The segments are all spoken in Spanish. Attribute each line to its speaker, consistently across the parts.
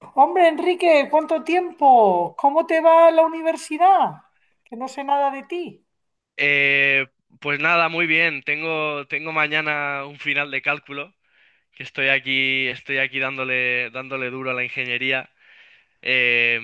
Speaker 1: Hombre, Enrique, ¿cuánto tiempo? ¿Cómo te va la universidad? Que no sé nada de ti.
Speaker 2: Eh, pues nada, muy bien. Tengo mañana un final de cálculo, que estoy aquí dándole duro a la ingeniería. Eh,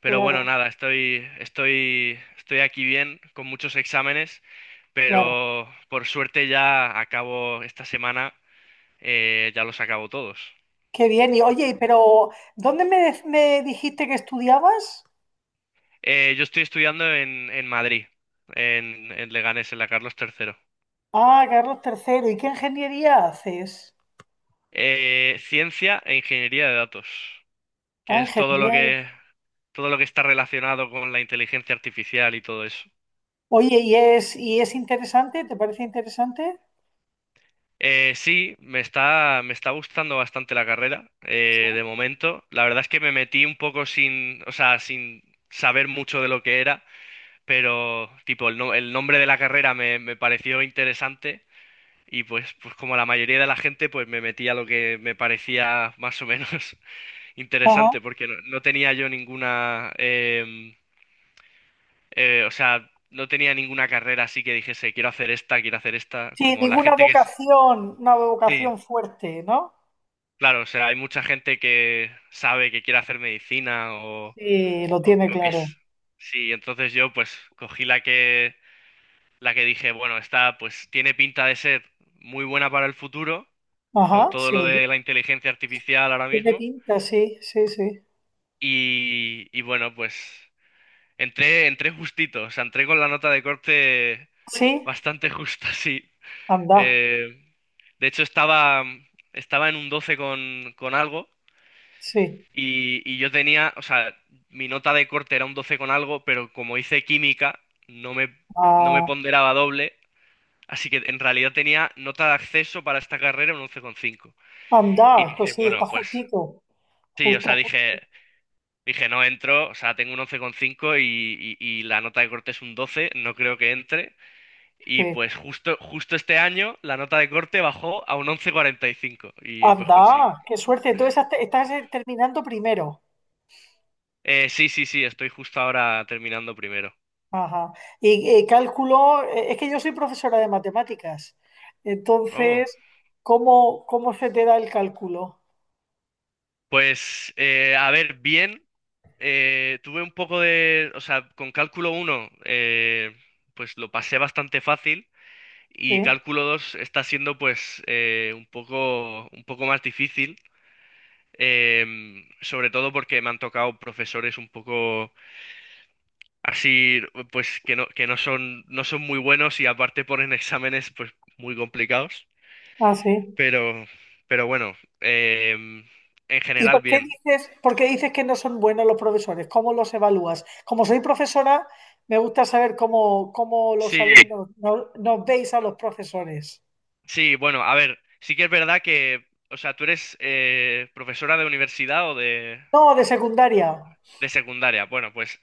Speaker 2: pero bueno,
Speaker 1: Claro,
Speaker 2: nada, estoy aquí bien, con muchos exámenes,
Speaker 1: claro.
Speaker 2: pero por suerte ya acabo esta semana, ya los acabo todos.
Speaker 1: Qué bien. Y oye, pero ¿dónde me dijiste que estudiabas?
Speaker 2: Yo estoy estudiando en Madrid, en Leganés, en la Carlos III.
Speaker 1: Ah, Carlos tercero. ¿Y qué ingeniería haces?
Speaker 2: Ciencia e ingeniería de datos. Que
Speaker 1: Ah,
Speaker 2: es todo lo
Speaker 1: ingeniería.
Speaker 2: que Todo lo que está relacionado con la inteligencia artificial y todo eso.
Speaker 1: Oye, ¿y es interesante? ¿Te parece interesante?
Speaker 2: Sí, me está gustando bastante la carrera, de momento. La verdad es que me metí un poco sin, o sea, sin saber mucho de lo que era, pero tipo, el, no- el nombre de la carrera me pareció interesante y pues como la mayoría de la gente, pues me metí a lo que me parecía más o menos
Speaker 1: Ajá.
Speaker 2: interesante, porque no tenía yo ninguna o sea, no tenía ninguna carrera así que dijese, quiero hacer esta,
Speaker 1: Sí,
Speaker 2: como la gente que...
Speaker 1: una
Speaker 2: Sí,
Speaker 1: vocación fuerte, ¿no?
Speaker 2: claro, o sea, hay mucha gente que sabe que quiere hacer medicina o,
Speaker 1: Sí, lo
Speaker 2: o,
Speaker 1: tiene
Speaker 2: o que
Speaker 1: claro.
Speaker 2: es... Sí, entonces yo pues cogí la que, dije, bueno, esta pues tiene pinta de ser muy buena para el futuro, con
Speaker 1: Ajá,
Speaker 2: todo lo
Speaker 1: sí.
Speaker 2: de la inteligencia artificial ahora
Speaker 1: Tiene
Speaker 2: mismo,
Speaker 1: pinta, sí, sí, sí.
Speaker 2: y bueno, pues entré justito, o sea, entré con la nota de corte
Speaker 1: Sí,
Speaker 2: bastante justa, sí.
Speaker 1: anda,
Speaker 2: Eh, de hecho, estaba en un 12 con algo
Speaker 1: sí.
Speaker 2: y yo tenía, o sea, mi nota de corte era un 12 con algo, pero como hice química, no me, no me
Speaker 1: Ah,
Speaker 2: ponderaba doble, así que en realidad tenía nota de acceso para esta carrera un 11,5. Y
Speaker 1: anda,
Speaker 2: dije,
Speaker 1: pues sí, está
Speaker 2: bueno, pues
Speaker 1: justito,
Speaker 2: sí, o sea,
Speaker 1: justo, justo,
Speaker 2: dije, no entro, o sea, tengo un 11,5 y la nota de corte es un 12, no creo que entre. Y
Speaker 1: sí.
Speaker 2: pues justo este año la nota de corte bajó a un once coma cuarenta y cinco y pues conseguí.
Speaker 1: Anda, qué suerte. Entonces estás terminando primero.
Speaker 2: Sí, sí, sí, estoy justo ahora terminando primero.
Speaker 1: Ajá. Y cálculo, es que yo soy profesora de matemáticas.
Speaker 2: Oh,
Speaker 1: Entonces, ¿cómo se te da el cálculo?
Speaker 2: pues a ver, bien, tuve un poco de, o sea, con cálculo uno pues lo pasé bastante fácil y
Speaker 1: Sí.
Speaker 2: cálculo 2 está siendo pues un poco más difícil, sobre todo porque me han tocado profesores un poco así pues que no son muy buenos y aparte ponen exámenes pues muy complicados.
Speaker 1: Ah, sí.
Speaker 2: Pero, pero bueno, en general bien.
Speaker 1: ¿Por qué dices que no son buenos los profesores? ¿Cómo los evalúas? Como soy profesora, me gusta saber cómo los
Speaker 2: Sí,
Speaker 1: alumnos no- nos veis a los profesores.
Speaker 2: sí, bueno, a ver, sí que es verdad que, o sea, tú eres profesora de universidad o de,
Speaker 1: No, de secundaria.
Speaker 2: de secundaria. Bueno, pues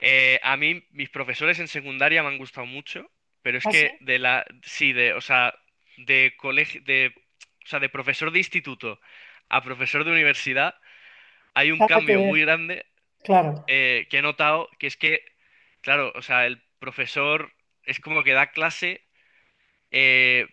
Speaker 2: a mí mis profesores en secundaria me han gustado mucho, pero es
Speaker 1: ¿Así?
Speaker 2: que de la, sí, de, o sea, de colegio, de, o sea, de profesor de instituto a profesor de universidad. Hay un
Speaker 1: Nada que
Speaker 2: cambio
Speaker 1: ver,
Speaker 2: muy grande,
Speaker 1: claro,
Speaker 2: que he notado, que es que, claro, o sea, el profesor es como que da clase, eh,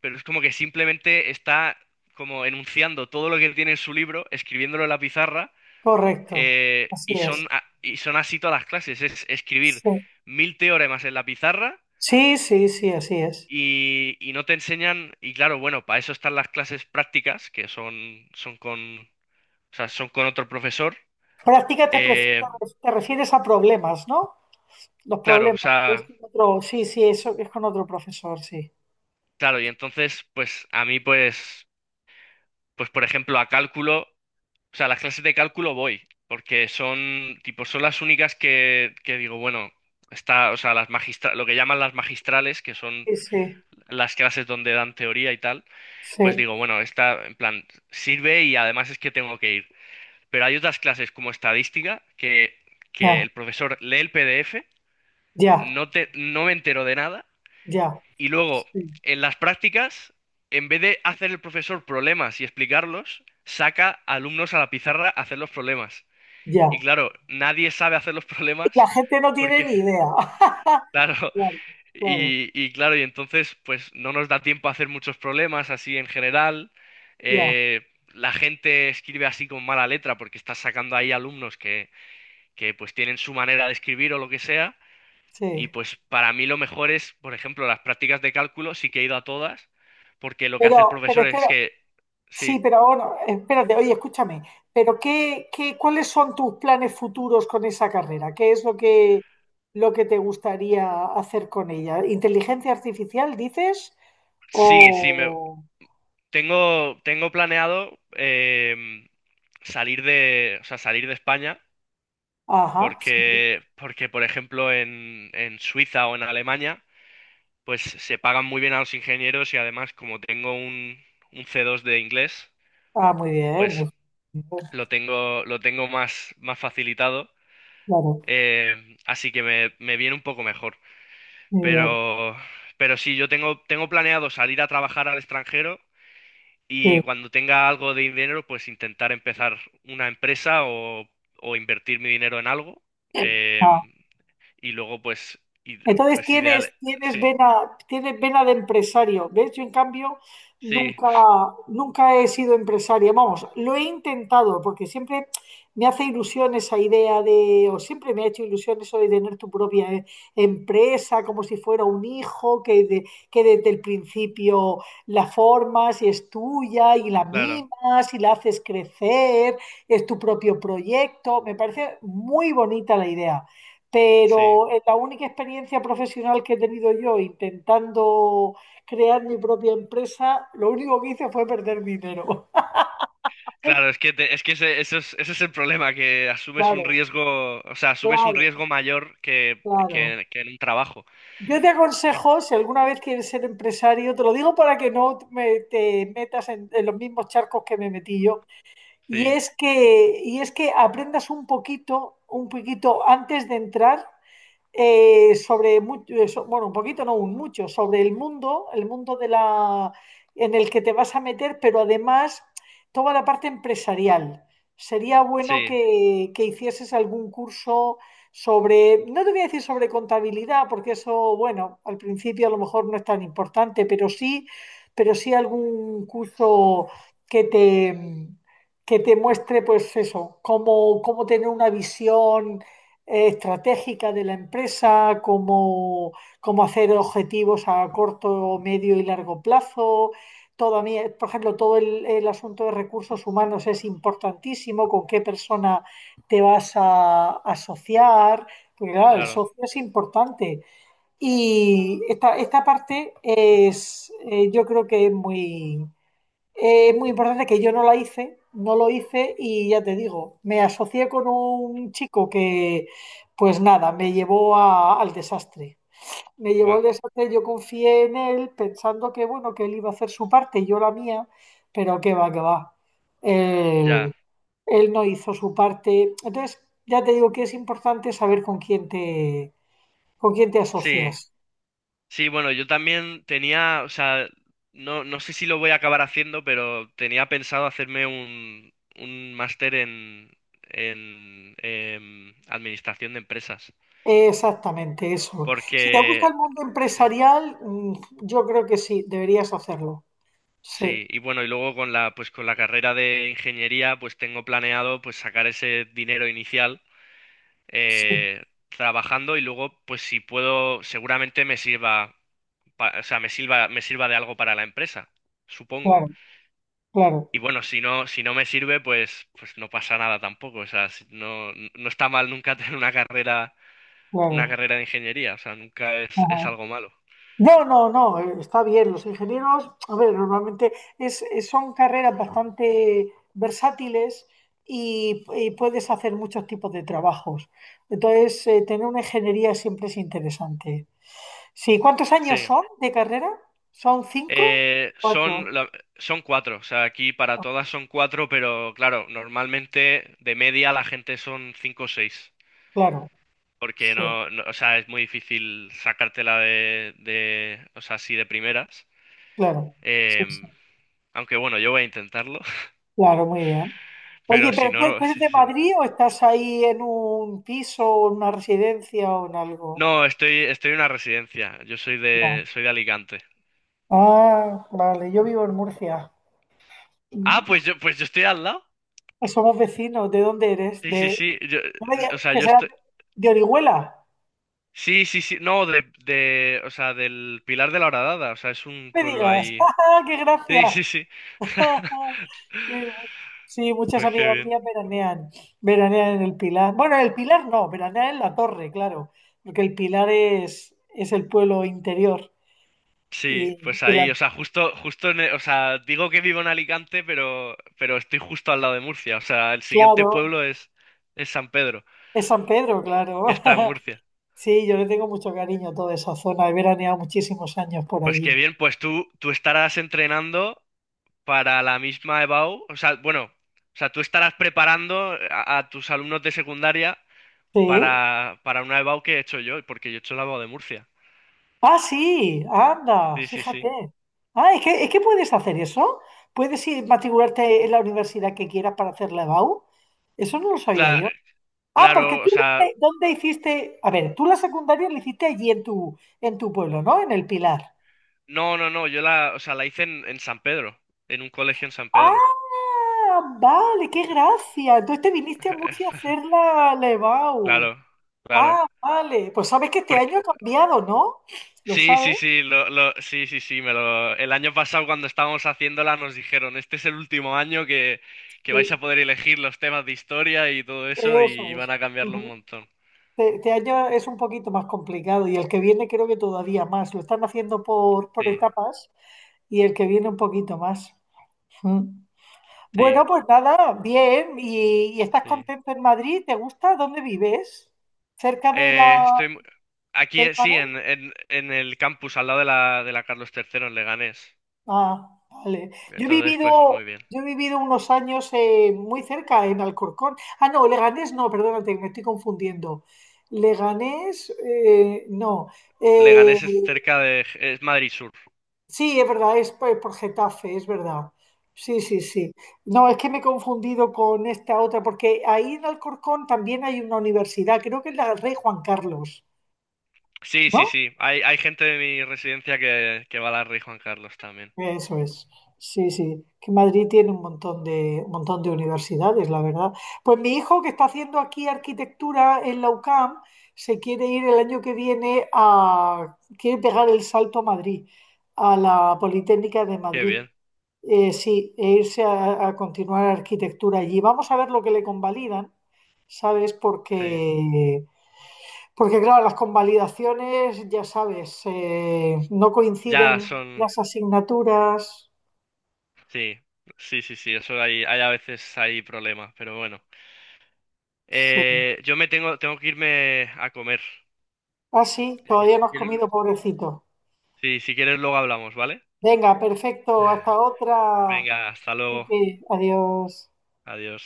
Speaker 2: pero es como que simplemente está como enunciando todo lo que tiene en su libro, escribiéndolo en la pizarra,
Speaker 1: correcto, así
Speaker 2: y son,
Speaker 1: es.
Speaker 2: a- y son así todas las clases, es escribir
Speaker 1: Sí,
Speaker 2: mil teoremas en la pizarra.
Speaker 1: sí, así es.
Speaker 2: Y no te enseñan, y claro, bueno, para eso están las clases prácticas, que son con, o sea, son con otro profesor,
Speaker 1: Práctica te, pref-
Speaker 2: eh,
Speaker 1: te refieres a problemas, ¿no? Los
Speaker 2: claro, o
Speaker 1: problemas. Es
Speaker 2: sea,
Speaker 1: con otro, sí, sí, eso es con otro profesor, sí.
Speaker 2: claro, y entonces, pues a mí, pues por ejemplo, a cálculo, o sea, las clases de cálculo voy, porque son, tipo, son las únicas que digo, bueno, está, o sea, lo que llaman las magistrales, que son
Speaker 1: Sí, sí,
Speaker 2: las clases donde dan teoría y tal, pues
Speaker 1: sí,
Speaker 2: digo, bueno, esta, en plan, sirve y además es que tengo que ir. Pero hay otras clases como estadística, que
Speaker 1: ya,
Speaker 2: el profesor lee el PDF,
Speaker 1: ya,
Speaker 2: no me entero de nada.
Speaker 1: ya,
Speaker 2: Y luego,
Speaker 1: sí,
Speaker 2: en las prácticas, en vez de hacer el profesor problemas y explicarlos, saca alumnos a la pizarra a hacer los problemas. Y
Speaker 1: ya.
Speaker 2: claro, nadie sabe hacer los
Speaker 1: Y la
Speaker 2: problemas
Speaker 1: gente no tiene
Speaker 2: porque,
Speaker 1: ni idea.
Speaker 2: claro,
Speaker 1: Claro, claro,
Speaker 2: y claro, y entonces pues no nos da tiempo a hacer muchos problemas así en general.
Speaker 1: ya,
Speaker 2: Eh, la gente escribe así con mala letra porque está sacando ahí alumnos que pues tienen su manera de escribir o lo que sea. Y
Speaker 1: sí.
Speaker 2: pues para mí lo mejor es, por ejemplo, las prácticas de cálculo, sí que he ido a todas, porque lo que hace el
Speaker 1: Pero, pero
Speaker 2: profesor es
Speaker 1: espero,
Speaker 2: que,
Speaker 1: Sí,
Speaker 2: sí,
Speaker 1: pero ahora, espérate, oye, escúchame, ¿cuáles son tus planes futuros con esa carrera? ¿Qué es lo que te gustaría hacer con ella? ¿Inteligencia artificial, dices?
Speaker 2: sí, sí,
Speaker 1: O...
Speaker 2: tengo planeado salir de, o sea, salir de España,
Speaker 1: Ajá, sí.
Speaker 2: porque por ejemplo, en Suiza o en Alemania, pues se pagan muy bien a los ingenieros y además como tengo un C2 de inglés,
Speaker 1: Ah, muy bien.
Speaker 2: pues lo tengo más facilitado,
Speaker 1: Claro,
Speaker 2: así que me viene un poco mejor.
Speaker 1: muy bien.
Speaker 2: Pero, pero sí, yo tengo planeado salir a trabajar al extranjero y
Speaker 1: Sí.
Speaker 2: cuando tenga algo de dinero, pues intentar empezar una empresa o invertir mi dinero en algo.
Speaker 1: Ah.
Speaker 2: em, y luego, pues,
Speaker 1: Entonces
Speaker 2: pues ideal.
Speaker 1: tienes,
Speaker 2: Sí,
Speaker 1: tienes vena de empresario, ¿ves? Yo en cambio
Speaker 2: sí,
Speaker 1: nunca, nunca he sido empresaria. Vamos, lo he intentado porque siempre me hace ilusión esa idea de, o siempre me ha hecho ilusión eso de tener tu propia empresa, como si fuera un hijo, que desde el principio la formas y es tuya y la
Speaker 2: claro,
Speaker 1: mimas y la haces crecer, es tu propio proyecto. Me parece muy bonita la idea,
Speaker 2: sí.
Speaker 1: pero es la única experiencia profesional que he tenido yo intentando crear mi propia empresa. Lo único que hice fue perder dinero.
Speaker 2: Claro, es que ese es el problema, que asumes un
Speaker 1: Claro,
Speaker 2: riesgo, o sea, asumes un
Speaker 1: claro,
Speaker 2: riesgo mayor que,
Speaker 1: claro.
Speaker 2: que, que en un trabajo.
Speaker 1: Yo te
Speaker 2: Que-
Speaker 1: aconsejo, si alguna vez quieres ser empresario, te lo digo para que no me- te metas en los mismos charcos que me metí yo,
Speaker 2: Sí,
Speaker 1: y es que aprendas un poquito antes de entrar sobre, bueno, un poquito, no un mucho, sobre el mundo, en el que te vas a meter, pero además toda la parte empresarial. Sería bueno
Speaker 2: sí,
Speaker 1: que hicieses algún curso sobre, no te voy a decir sobre contabilidad, porque eso, bueno, al principio a lo mejor no es tan importante, pero sí algún curso que te, que te muestre, pues eso, cómo tener una visión estratégica de la empresa, cómo hacer objetivos a corto, medio y largo plazo. Todavía, por ejemplo, el asunto de recursos humanos es importantísimo, con qué persona te vas a asociar, porque claro, el
Speaker 2: claro.
Speaker 1: socio es importante. Y esta parte es, yo creo que es es muy importante, que yo no la hice, no lo hice, y ya te digo, me asocié con un chico pues nada, al desastre. Me llevó
Speaker 2: Buah,
Speaker 1: al desastre. Yo confié en él pensando que, bueno, que él iba a hacer su parte y yo la mía, pero qué va, qué va. Él,
Speaker 2: ya.
Speaker 1: él no hizo su parte. Entonces, ya te digo que es importante saber con con quién te
Speaker 2: Sí.
Speaker 1: asocias.
Speaker 2: Sí, bueno, yo también tenía, o sea, no sé si lo voy a acabar haciendo, pero tenía pensado hacerme un máster en administración de empresas.
Speaker 1: Exactamente eso. Si te gusta
Speaker 2: Porque,
Speaker 1: el mundo
Speaker 2: sí,
Speaker 1: empresarial, yo creo que sí, deberías hacerlo. Sí,
Speaker 2: sí, y bueno, y luego con la, pues con la carrera de ingeniería, pues tengo planeado pues sacar ese dinero inicial
Speaker 1: sí,
Speaker 2: eh, trabajando y luego, pues si puedo, seguramente me sirva, o sea, me sirva de algo para la empresa, supongo.
Speaker 1: claro, claro,
Speaker 2: Y bueno, si no me sirve, pues no pasa nada tampoco. O sea, no, no está mal nunca tener una carrera, una
Speaker 1: claro.
Speaker 2: carrera de ingeniería. O sea, nunca es,
Speaker 1: Ajá.
Speaker 2: es algo malo.
Speaker 1: No, no, no, está bien. Los ingenieros, a ver, normalmente son carreras bastante versátiles y puedes hacer muchos tipos de trabajos. Entonces, tener una ingeniería siempre es interesante. Sí, ¿cuántos
Speaker 2: Sí.
Speaker 1: años son de carrera? ¿Son cinco?
Speaker 2: Eh,
Speaker 1: Cuatro,
Speaker 2: son, la- son cuatro. O sea, aquí para todas son cuatro, pero claro, normalmente de media la gente son cinco o seis.
Speaker 1: claro.
Speaker 2: Porque
Speaker 1: Sí.
Speaker 2: o sea, es muy difícil sacártela o sea, así de primeras.
Speaker 1: Claro, sí, sí,
Speaker 2: Em, Aunque bueno, yo voy a intentarlo.
Speaker 1: claro, muy bien. Oye,
Speaker 2: Pero si no, no.
Speaker 1: tú eres de Madrid, ¿o estás ahí en un piso o en una residencia o en algo?
Speaker 2: No, estoy en una residencia. Yo soy de,
Speaker 1: Ya.
Speaker 2: soy de Alicante.
Speaker 1: Ah, vale, yo vivo en Murcia.
Speaker 2: Ah,
Speaker 1: Mm.
Speaker 2: pues yo estoy al lado.
Speaker 1: Somos vecinos, ¿de dónde eres?
Speaker 2: Sí, sí,
Speaker 1: De,
Speaker 2: sí. Yo,
Speaker 1: no me digas
Speaker 2: o sea,
Speaker 1: que
Speaker 2: yo
Speaker 1: serás
Speaker 2: estoy.
Speaker 1: de Orihuela.
Speaker 2: Sí, sí, sí. No, o sea, del Pilar de la Horadada. O sea, es un
Speaker 1: No me
Speaker 2: pueblo
Speaker 1: digas.
Speaker 2: ahí.
Speaker 1: ¡Ah, qué
Speaker 2: Sí,
Speaker 1: gracia!
Speaker 2: sí, sí.
Speaker 1: Eh, sí, muchas
Speaker 2: Pues qué
Speaker 1: amigas
Speaker 2: bien.
Speaker 1: mías veranean, veranean en el Pilar. Bueno, en el Pilar no, veranean en la Torre, claro, porque el Pilar es el pueblo interior.
Speaker 2: Sí,
Speaker 1: Y,
Speaker 2: pues
Speaker 1: y la,
Speaker 2: ahí, o sea, justo en, o sea, digo que vivo en Alicante, pero estoy justo al lado de Murcia. O sea, el siguiente
Speaker 1: claro,
Speaker 2: pueblo es San Pedro,
Speaker 1: es San Pedro, claro.
Speaker 2: que está en Murcia.
Speaker 1: Sí, yo le tengo mucho cariño a toda esa zona. He veraneado muchísimos años por
Speaker 2: Pues qué
Speaker 1: allí.
Speaker 2: bien, pues tú estarás entrenando para la misma EBAU, o sea, bueno, o sea, tú estarás preparando a tus alumnos de secundaria
Speaker 1: Sí.
Speaker 2: para una EBAU que he hecho yo, porque yo he hecho la EBAU de Murcia.
Speaker 1: Ah, sí, anda,
Speaker 2: Sí, sí,
Speaker 1: fíjate.
Speaker 2: sí.
Speaker 1: Ah, es que puedes hacer eso. Puedes ir matricularte en la universidad que quieras para hacer la EBAU. Eso no lo sabía
Speaker 2: Cla-
Speaker 1: yo. Ah, porque
Speaker 2: claro, o
Speaker 1: tú
Speaker 2: sea,
Speaker 1: dónde hiciste, a ver, tú la secundaria la hiciste allí en en tu pueblo, ¿no? En el Pilar.
Speaker 2: no, no, no, yo la, o sea, la hice en San Pedro, en un colegio en San Pedro.
Speaker 1: Ah, vale, qué gracia. Entonces te viniste a Murcia a hacer la EBAU.
Speaker 2: Claro, claro.
Speaker 1: Ah, vale. Pues sabes que este año ha cambiado, ¿no? ¿Lo
Speaker 2: Sí,
Speaker 1: sabes?
Speaker 2: sí, sí, sí, sí, sí, me lo, el año pasado cuando estábamos haciéndola nos dijeron, este es el último año que vais
Speaker 1: Sí,
Speaker 2: a poder elegir los temas de historia y todo eso y
Speaker 1: eso es.
Speaker 2: van a cambiarlo un
Speaker 1: Ujú.
Speaker 2: montón.
Speaker 1: Este año es un poquito más complicado y el que viene creo que todavía más. Lo están haciendo por
Speaker 2: Sí,
Speaker 1: etapas y el que viene un poquito más. Mm.
Speaker 2: sí,
Speaker 1: Bueno, pues nada, bien. Y estás
Speaker 2: sí.
Speaker 1: contento en Madrid? ¿Te gusta? ¿Dónde vives? ¿Cerca de
Speaker 2: Eh, estoy mu- Aquí,
Speaker 1: del
Speaker 2: sí,
Speaker 1: Maresme?
Speaker 2: en el campus, al lado de la Carlos III, en Leganés.
Speaker 1: Ah, vale. Yo he
Speaker 2: Entonces, pues
Speaker 1: vivido,
Speaker 2: muy bien.
Speaker 1: yo he vivido unos años muy cerca en Alcorcón. Ah, no, Leganés no, perdónate, me estoy confundiendo. Leganés, no. Eh,
Speaker 2: Leganés es Madrid Sur.
Speaker 1: sí, es verdad, es por Getafe, es verdad. Sí, sí, sí. No, es que me he confundido con esta otra, porque ahí en Alcorcón también hay una universidad, creo que es la Rey Juan Carlos,
Speaker 2: Sí, sí,
Speaker 1: ¿no?
Speaker 2: sí, hay gente de mi residencia que va a la Rey Juan Carlos también.
Speaker 1: Eso es, sí, sí, que Madrid tiene un montón de universidades, la verdad. Pues mi hijo, que está haciendo aquí arquitectura en la UCAM, se quiere ir el año que viene a, quiere pegar el salto a Madrid, a la Politécnica de
Speaker 2: Qué
Speaker 1: Madrid.
Speaker 2: bien,
Speaker 1: Sí, e irse a continuar arquitectura allí. Vamos a ver lo que le convalidan, ¿sabes?
Speaker 2: sí.
Speaker 1: Porque claro, las convalidaciones, ya sabes, no
Speaker 2: Ya
Speaker 1: coinciden
Speaker 2: son...
Speaker 1: las asignaturas.
Speaker 2: Sí, sí, sí, sí, eso hay, hay a veces hay problemas, pero bueno.
Speaker 1: Sí.
Speaker 2: Yo tengo que irme a comer.
Speaker 1: Ah, sí, todavía no
Speaker 2: Si
Speaker 1: has
Speaker 2: quieres...
Speaker 1: comido, pobrecito.
Speaker 2: Sí, si quieres luego hablamos, ¿vale?
Speaker 1: Venga, perfecto, hasta otra.
Speaker 2: Venga, hasta
Speaker 1: Así
Speaker 2: luego.
Speaker 1: que, adiós.
Speaker 2: Adiós.